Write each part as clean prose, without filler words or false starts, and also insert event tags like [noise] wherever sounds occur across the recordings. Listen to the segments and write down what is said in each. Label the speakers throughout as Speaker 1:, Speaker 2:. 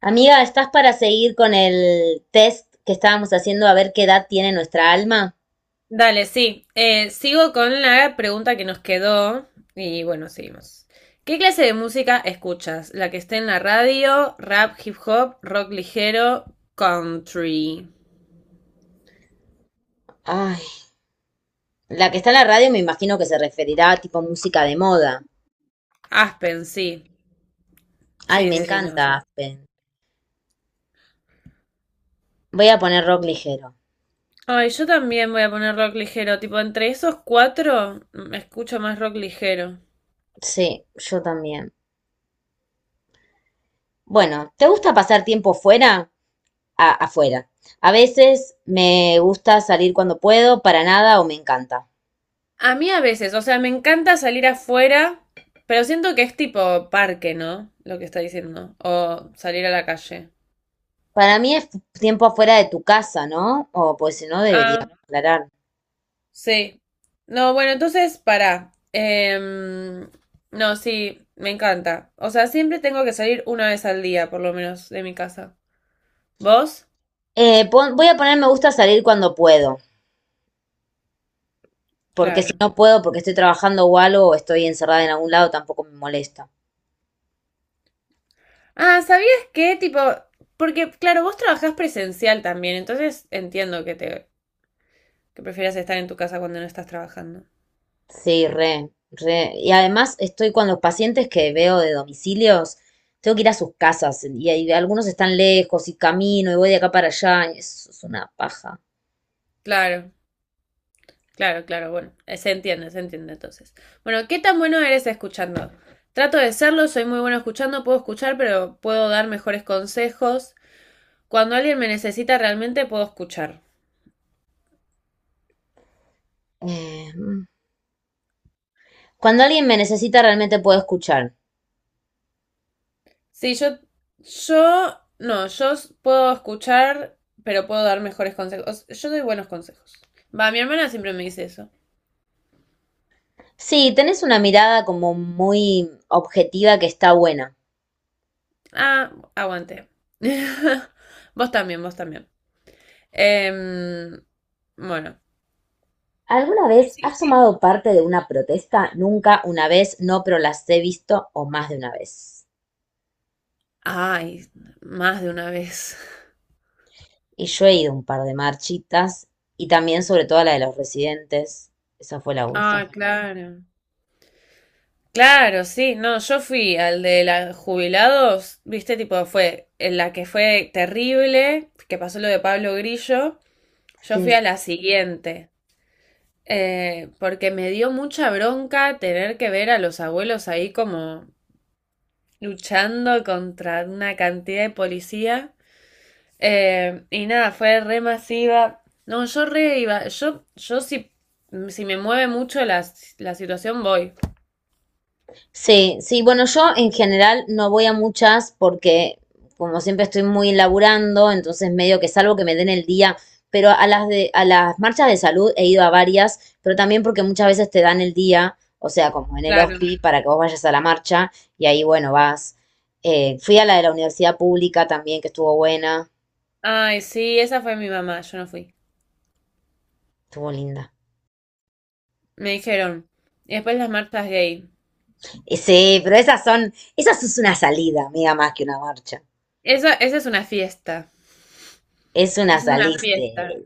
Speaker 1: Amiga, ¿estás para seguir con el test que estábamos haciendo a ver qué edad tiene nuestra alma?
Speaker 2: Dale, sí. Sigo con la pregunta que nos quedó y bueno, seguimos. ¿Qué clase de música escuchas? ¿La que esté en la radio, rap, hip hop, rock ligero, country?
Speaker 1: Ay, la que está en la radio me imagino que se referirá a tipo música de moda.
Speaker 2: Aspen, sí.
Speaker 1: Ay,
Speaker 2: Sí,
Speaker 1: me
Speaker 2: sí, sí, no,
Speaker 1: encanta
Speaker 2: sí.
Speaker 1: Aspen. Voy a poner rock ligero.
Speaker 2: Ay, yo también voy a poner rock ligero. Tipo, entre esos cuatro, escucho más rock ligero.
Speaker 1: Sí, yo también. Bueno, ¿te gusta pasar tiempo fuera? Afuera. A veces me gusta salir cuando puedo, para nada o me encanta.
Speaker 2: A mí a veces, o sea, me encanta salir afuera, pero siento que es tipo parque, ¿no? Lo que está diciendo. O salir a la calle.
Speaker 1: Para mí es tiempo afuera de tu casa, ¿no? O pues si no, debería
Speaker 2: Ah.
Speaker 1: aclarar.
Speaker 2: Sí. No, bueno, entonces, para. No, sí, me encanta. O sea, siempre tengo que salir una vez al día, por lo menos, de mi casa. ¿Vos?
Speaker 1: Voy a poner me gusta salir cuando puedo. Porque si
Speaker 2: Claro.
Speaker 1: no puedo, porque estoy trabajando o algo, o estoy encerrada en algún lado, tampoco me molesta.
Speaker 2: Ah, ¿sabías qué? Tipo, porque, claro, vos trabajás presencial también, entonces entiendo que te, que prefieras estar en tu casa cuando no estás trabajando.
Speaker 1: Sí, re, re. Y además estoy con los pacientes que veo de domicilios, tengo que ir a sus casas y, algunos están lejos y camino y voy de acá para allá. Y eso es una paja.
Speaker 2: Claro, claro, claro, bueno, se entiende entonces. Bueno, ¿qué tan bueno eres escuchando? Trato de serlo, soy muy bueno escuchando, puedo escuchar, pero puedo dar mejores consejos. Cuando alguien me necesita realmente puedo escuchar.
Speaker 1: Eh, Cuando alguien me necesita realmente puedo escuchar.
Speaker 2: Sí, yo, no, yo puedo escuchar, pero puedo dar mejores consejos. Yo doy buenos consejos. Va, mi hermana siempre me dice eso.
Speaker 1: Sí, tenés una mirada como muy objetiva que está buena.
Speaker 2: Ah, aguante. [laughs] Vos también, vos también. Em, bueno,
Speaker 1: ¿Alguna vez
Speaker 2: sí.
Speaker 1: has tomado parte de una protesta? Nunca, una vez, no, pero las he visto o más de una vez.
Speaker 2: Ay, más de una vez.
Speaker 1: Y yo he ido a un par de marchitas y también sobre todo a la de los residentes. Esa fue la última.
Speaker 2: Ah, [laughs] claro. Claro, sí, no, yo fui al de los jubilados, viste, tipo, fue en la que fue terrible, que pasó lo de Pablo Grillo, yo fui
Speaker 1: Sí.
Speaker 2: a la siguiente, porque me dio mucha bronca tener que ver a los abuelos ahí como luchando contra una cantidad de policía, y nada, fue re masiva, no, yo re iba, yo si me mueve mucho la situación voy,
Speaker 1: Sí, sí, bueno, yo en general no voy a muchas porque como siempre estoy muy laburando, entonces medio que salvo que me den el día, pero a las de, a las marchas de salud he ido a varias, pero también porque muchas veces te dan el día, o sea, como en el
Speaker 2: claro.
Speaker 1: hospi, para que vos vayas a la marcha y ahí, bueno, vas. Fui a la de la universidad pública también, que estuvo buena,
Speaker 2: Ay, sí, esa fue mi mamá, yo no fui.
Speaker 1: estuvo linda.
Speaker 2: Me dijeron. Y después las marchas gay.
Speaker 1: Sí, pero esas son, esas es una salida, amiga, más que una marcha.
Speaker 2: Esa es una fiesta.
Speaker 1: Es una
Speaker 2: Es una
Speaker 1: salida.
Speaker 2: fiesta.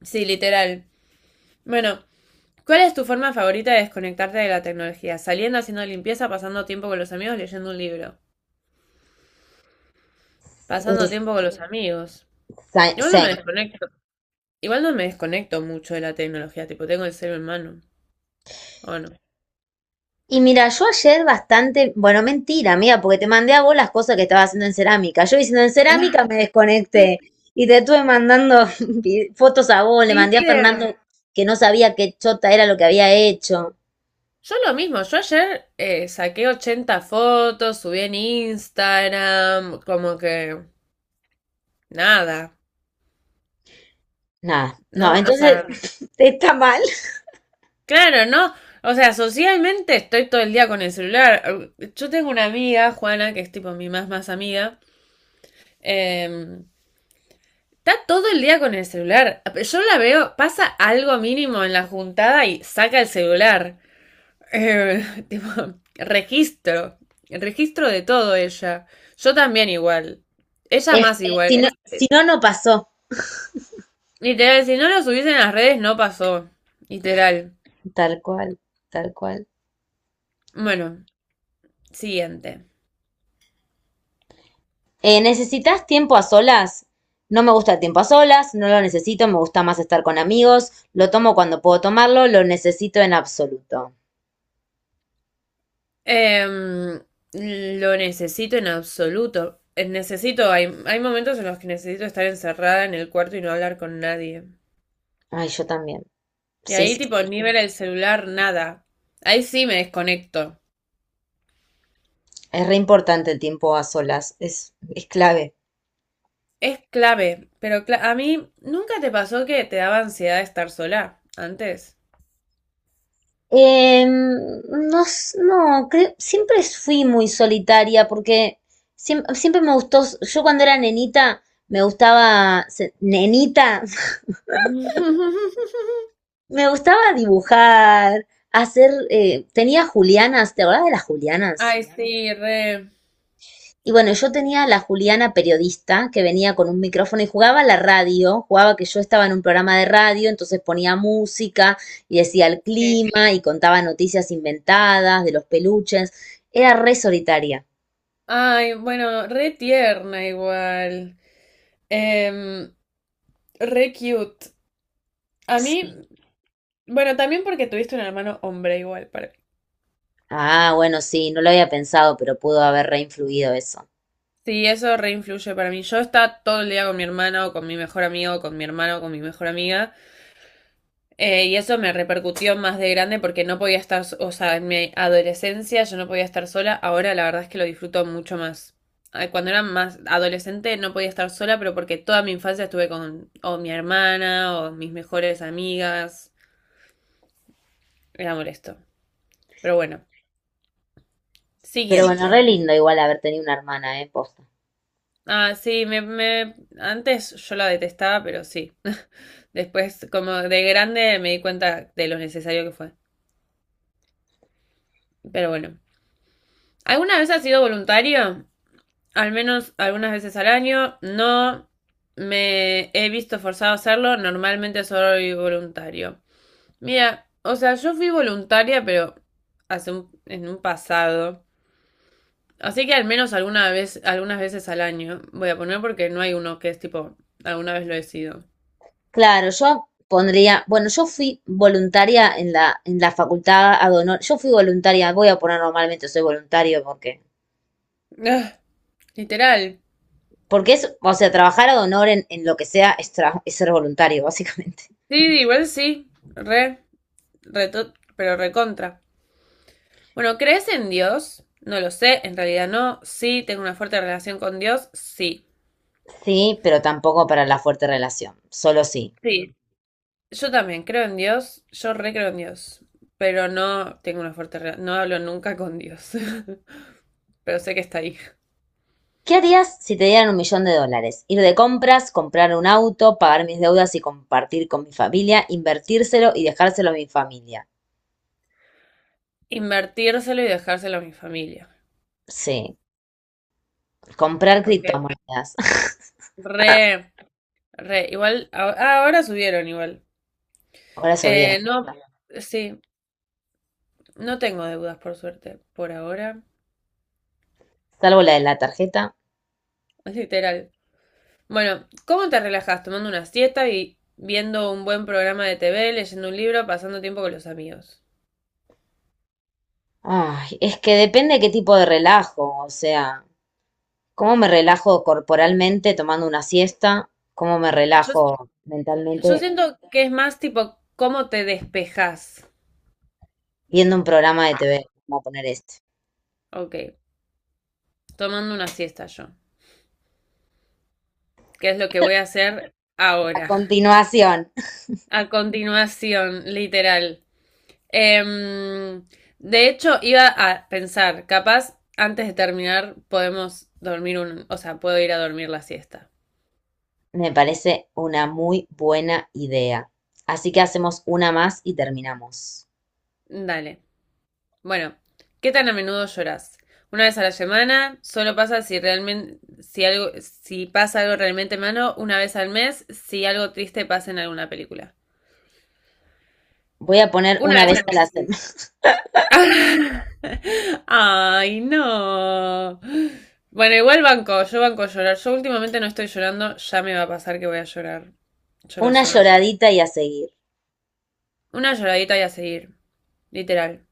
Speaker 2: Sí, literal. Bueno, ¿cuál es tu forma favorita de desconectarte de la tecnología? Saliendo, haciendo limpieza, pasando tiempo con los amigos, leyendo un libro. Pasando
Speaker 1: Es
Speaker 2: tiempo con los amigos. Igual no me
Speaker 1: same.
Speaker 2: desconecto. Igual no me desconecto mucho de la tecnología. Tipo, tengo el celu en mano. Bueno.
Speaker 1: Y mira, yo ayer bastante, bueno, mentira, amiga, porque te mandé a vos las cosas que estaba haciendo en cerámica. Yo diciendo en cerámica me
Speaker 2: [laughs]
Speaker 1: desconecté y te estuve mandando [laughs] fotos a vos, le mandé a
Speaker 2: ¿Viste?
Speaker 1: Fernando que no sabía qué chota era lo que había hecho.
Speaker 2: Yo lo mismo, yo ayer saqué 80 fotos, subí en Instagram, como que nada.
Speaker 1: Nada, no,
Speaker 2: No, o
Speaker 1: entonces
Speaker 2: sea,
Speaker 1: [laughs] está mal.
Speaker 2: claro, ¿no? O sea, socialmente estoy todo el día con el celular. Yo tengo una amiga, Juana, que es tipo mi más más amiga. eh, Está todo el día con el celular. Yo la veo, pasa algo mínimo en la juntada y saca el celular. Eh, [laughs] Tipo, registro. Registro de todo ella. Yo también igual. Ella
Speaker 1: Es
Speaker 2: más
Speaker 1: que
Speaker 2: igual.
Speaker 1: si no, si no, no pasó.
Speaker 2: Literal, si no lo subiesen en las redes no pasó. Literal.
Speaker 1: Tal cual, tal cual.
Speaker 2: Bueno, siguiente.
Speaker 1: ¿Necesitas tiempo a solas? No me gusta el tiempo a solas, no lo necesito, me gusta más estar con amigos, lo tomo cuando puedo tomarlo, lo necesito en absoluto.
Speaker 2: Em, lo necesito en absoluto. Hay momentos en los que necesito estar encerrada en el cuarto y no hablar con nadie.
Speaker 1: Ay, yo también.
Speaker 2: Y
Speaker 1: Sí,
Speaker 2: ahí
Speaker 1: sí,
Speaker 2: tipo
Speaker 1: sí.
Speaker 2: ni ver el celular, nada. Ahí sí me desconecto.
Speaker 1: Es re importante el tiempo a solas, es clave.
Speaker 2: Es clave, pero a mí nunca te pasó que te daba ansiedad estar sola antes.
Speaker 1: Em, no, no, siempre fui muy solitaria porque siempre, me gustó, yo cuando era nenita me gustaba, nenita, [laughs]
Speaker 2: [laughs]
Speaker 1: me gustaba dibujar, hacer, tenía Julianas, ¿te acordás de las Julianas?
Speaker 2: Ay, claro, sí, re.
Speaker 1: Y bueno, yo tenía la Juliana periodista que venía con un micrófono y jugaba a la radio, jugaba que yo estaba en un programa de radio, entonces ponía música y decía el
Speaker 2: Sí.
Speaker 1: clima y contaba noticias inventadas de los peluches. Era re solitaria.
Speaker 2: Ay, bueno, re tierna igual. Em, Re cute. A mí
Speaker 1: Sí.
Speaker 2: Bueno, también porque tuviste un hermano hombre igual para mí.
Speaker 1: Ah, bueno, sí, no lo había pensado, pero pudo haber re influido eso.
Speaker 2: Sí, eso reinfluye para mí. Yo estaba todo el día con mi hermano, con mi mejor amigo, con mi hermano, con mi mejor amiga, y eso me repercutió más de grande porque no podía estar, o sea, en mi adolescencia yo no podía estar sola. Ahora la verdad es que lo disfruto mucho más. Ay, cuando era más adolescente no podía estar sola, pero porque toda mi infancia estuve con o mi hermana o mis mejores amigas. Era molesto. Pero bueno,
Speaker 1: Pero sí, bueno, re
Speaker 2: siguiente.
Speaker 1: lindo igual haber tenido una hermana, ¿eh? Posta.
Speaker 2: Ah, sí, me antes yo la detestaba, pero sí. Después, como de grande, me di cuenta de lo necesario que fue. Pero bueno. ¿Alguna vez has sido voluntario? Al menos algunas veces al año. No me he visto forzado a hacerlo. Normalmente soy voluntario. Mira, o sea, yo fui voluntaria, pero en un pasado. Así que al menos alguna vez, algunas veces al año. Voy a poner porque no hay uno que es tipo, alguna vez lo he sido.
Speaker 1: Claro, yo pondría, bueno, yo fui voluntaria en la facultad ad honor, yo fui voluntaria, voy a poner normalmente soy voluntario porque,
Speaker 2: [sighs] Literal.
Speaker 1: porque es, o sea, trabajar ad honor en lo que sea es, es ser voluntario, [laughs] básicamente.
Speaker 2: Sí, igual sí. Pero recontra. Bueno, ¿crees en Dios? No lo sé, en realidad no. Sí, tengo una fuerte relación con Dios. Sí.
Speaker 1: Sí, pero tampoco para la fuerte relación, solo sí.
Speaker 2: Sí. Yo también creo en Dios. Yo re creo en Dios. Pero no tengo una fuerte relación. No hablo nunca con Dios. [laughs] Pero sé que está ahí.
Speaker 1: ¿Qué harías si te dieran un millón de dólares? Ir de compras, comprar un auto, pagar mis deudas y compartir con mi familia, invertírselo y dejárselo a mi familia.
Speaker 2: Invertírselo y dejárselo a mi familia.
Speaker 1: Sí, comprar
Speaker 2: Porque
Speaker 1: criptomonedas. [laughs]
Speaker 2: re, re. Igual, ahora subieron igual.
Speaker 1: Ahora subieron,
Speaker 2: No, sí. No tengo deudas, por suerte, por ahora.
Speaker 1: salvo la de la tarjeta.
Speaker 2: Es literal. Bueno, ¿cómo te relajas? Tomando una siesta y viendo un buen programa de TV, leyendo un libro, pasando tiempo con los amigos.
Speaker 1: Ay, es que depende qué tipo de relajo, o sea, cómo me relajo corporalmente tomando una siesta, cómo me
Speaker 2: Yo,
Speaker 1: relajo
Speaker 2: yo
Speaker 1: mentalmente
Speaker 2: siento que es más tipo cómo te despejas.
Speaker 1: viendo un programa de TV, vamos a poner este.
Speaker 2: Ok, tomando una siesta yo. ¿Qué es lo que voy a hacer
Speaker 1: A
Speaker 2: ahora?
Speaker 1: continuación.
Speaker 2: A continuación, literal. Em, de hecho, iba a pensar, capaz antes de terminar podemos dormir un, o sea, puedo ir a dormir la siesta.
Speaker 1: Me parece una muy buena idea. Así que hacemos una más y terminamos.
Speaker 2: Dale. Bueno, ¿qué tan a menudo lloras? Una vez a la semana, solo pasa si realmente, si algo, si pasa algo realmente malo, una vez al mes, si algo triste pasa en alguna película.
Speaker 1: Voy a poner
Speaker 2: Una
Speaker 1: una
Speaker 2: vez
Speaker 1: vez
Speaker 2: al
Speaker 1: a la
Speaker 2: mes.
Speaker 1: semana,
Speaker 2: [laughs] Ay, no. Bueno, igual banco, yo banco llorar. Yo últimamente no estoy llorando, ya me va a pasar que voy a llorar.
Speaker 1: [laughs]
Speaker 2: Yo lo
Speaker 1: una
Speaker 2: sé.
Speaker 1: lloradita y a seguir.
Speaker 2: Una lloradita y a seguir. Literal.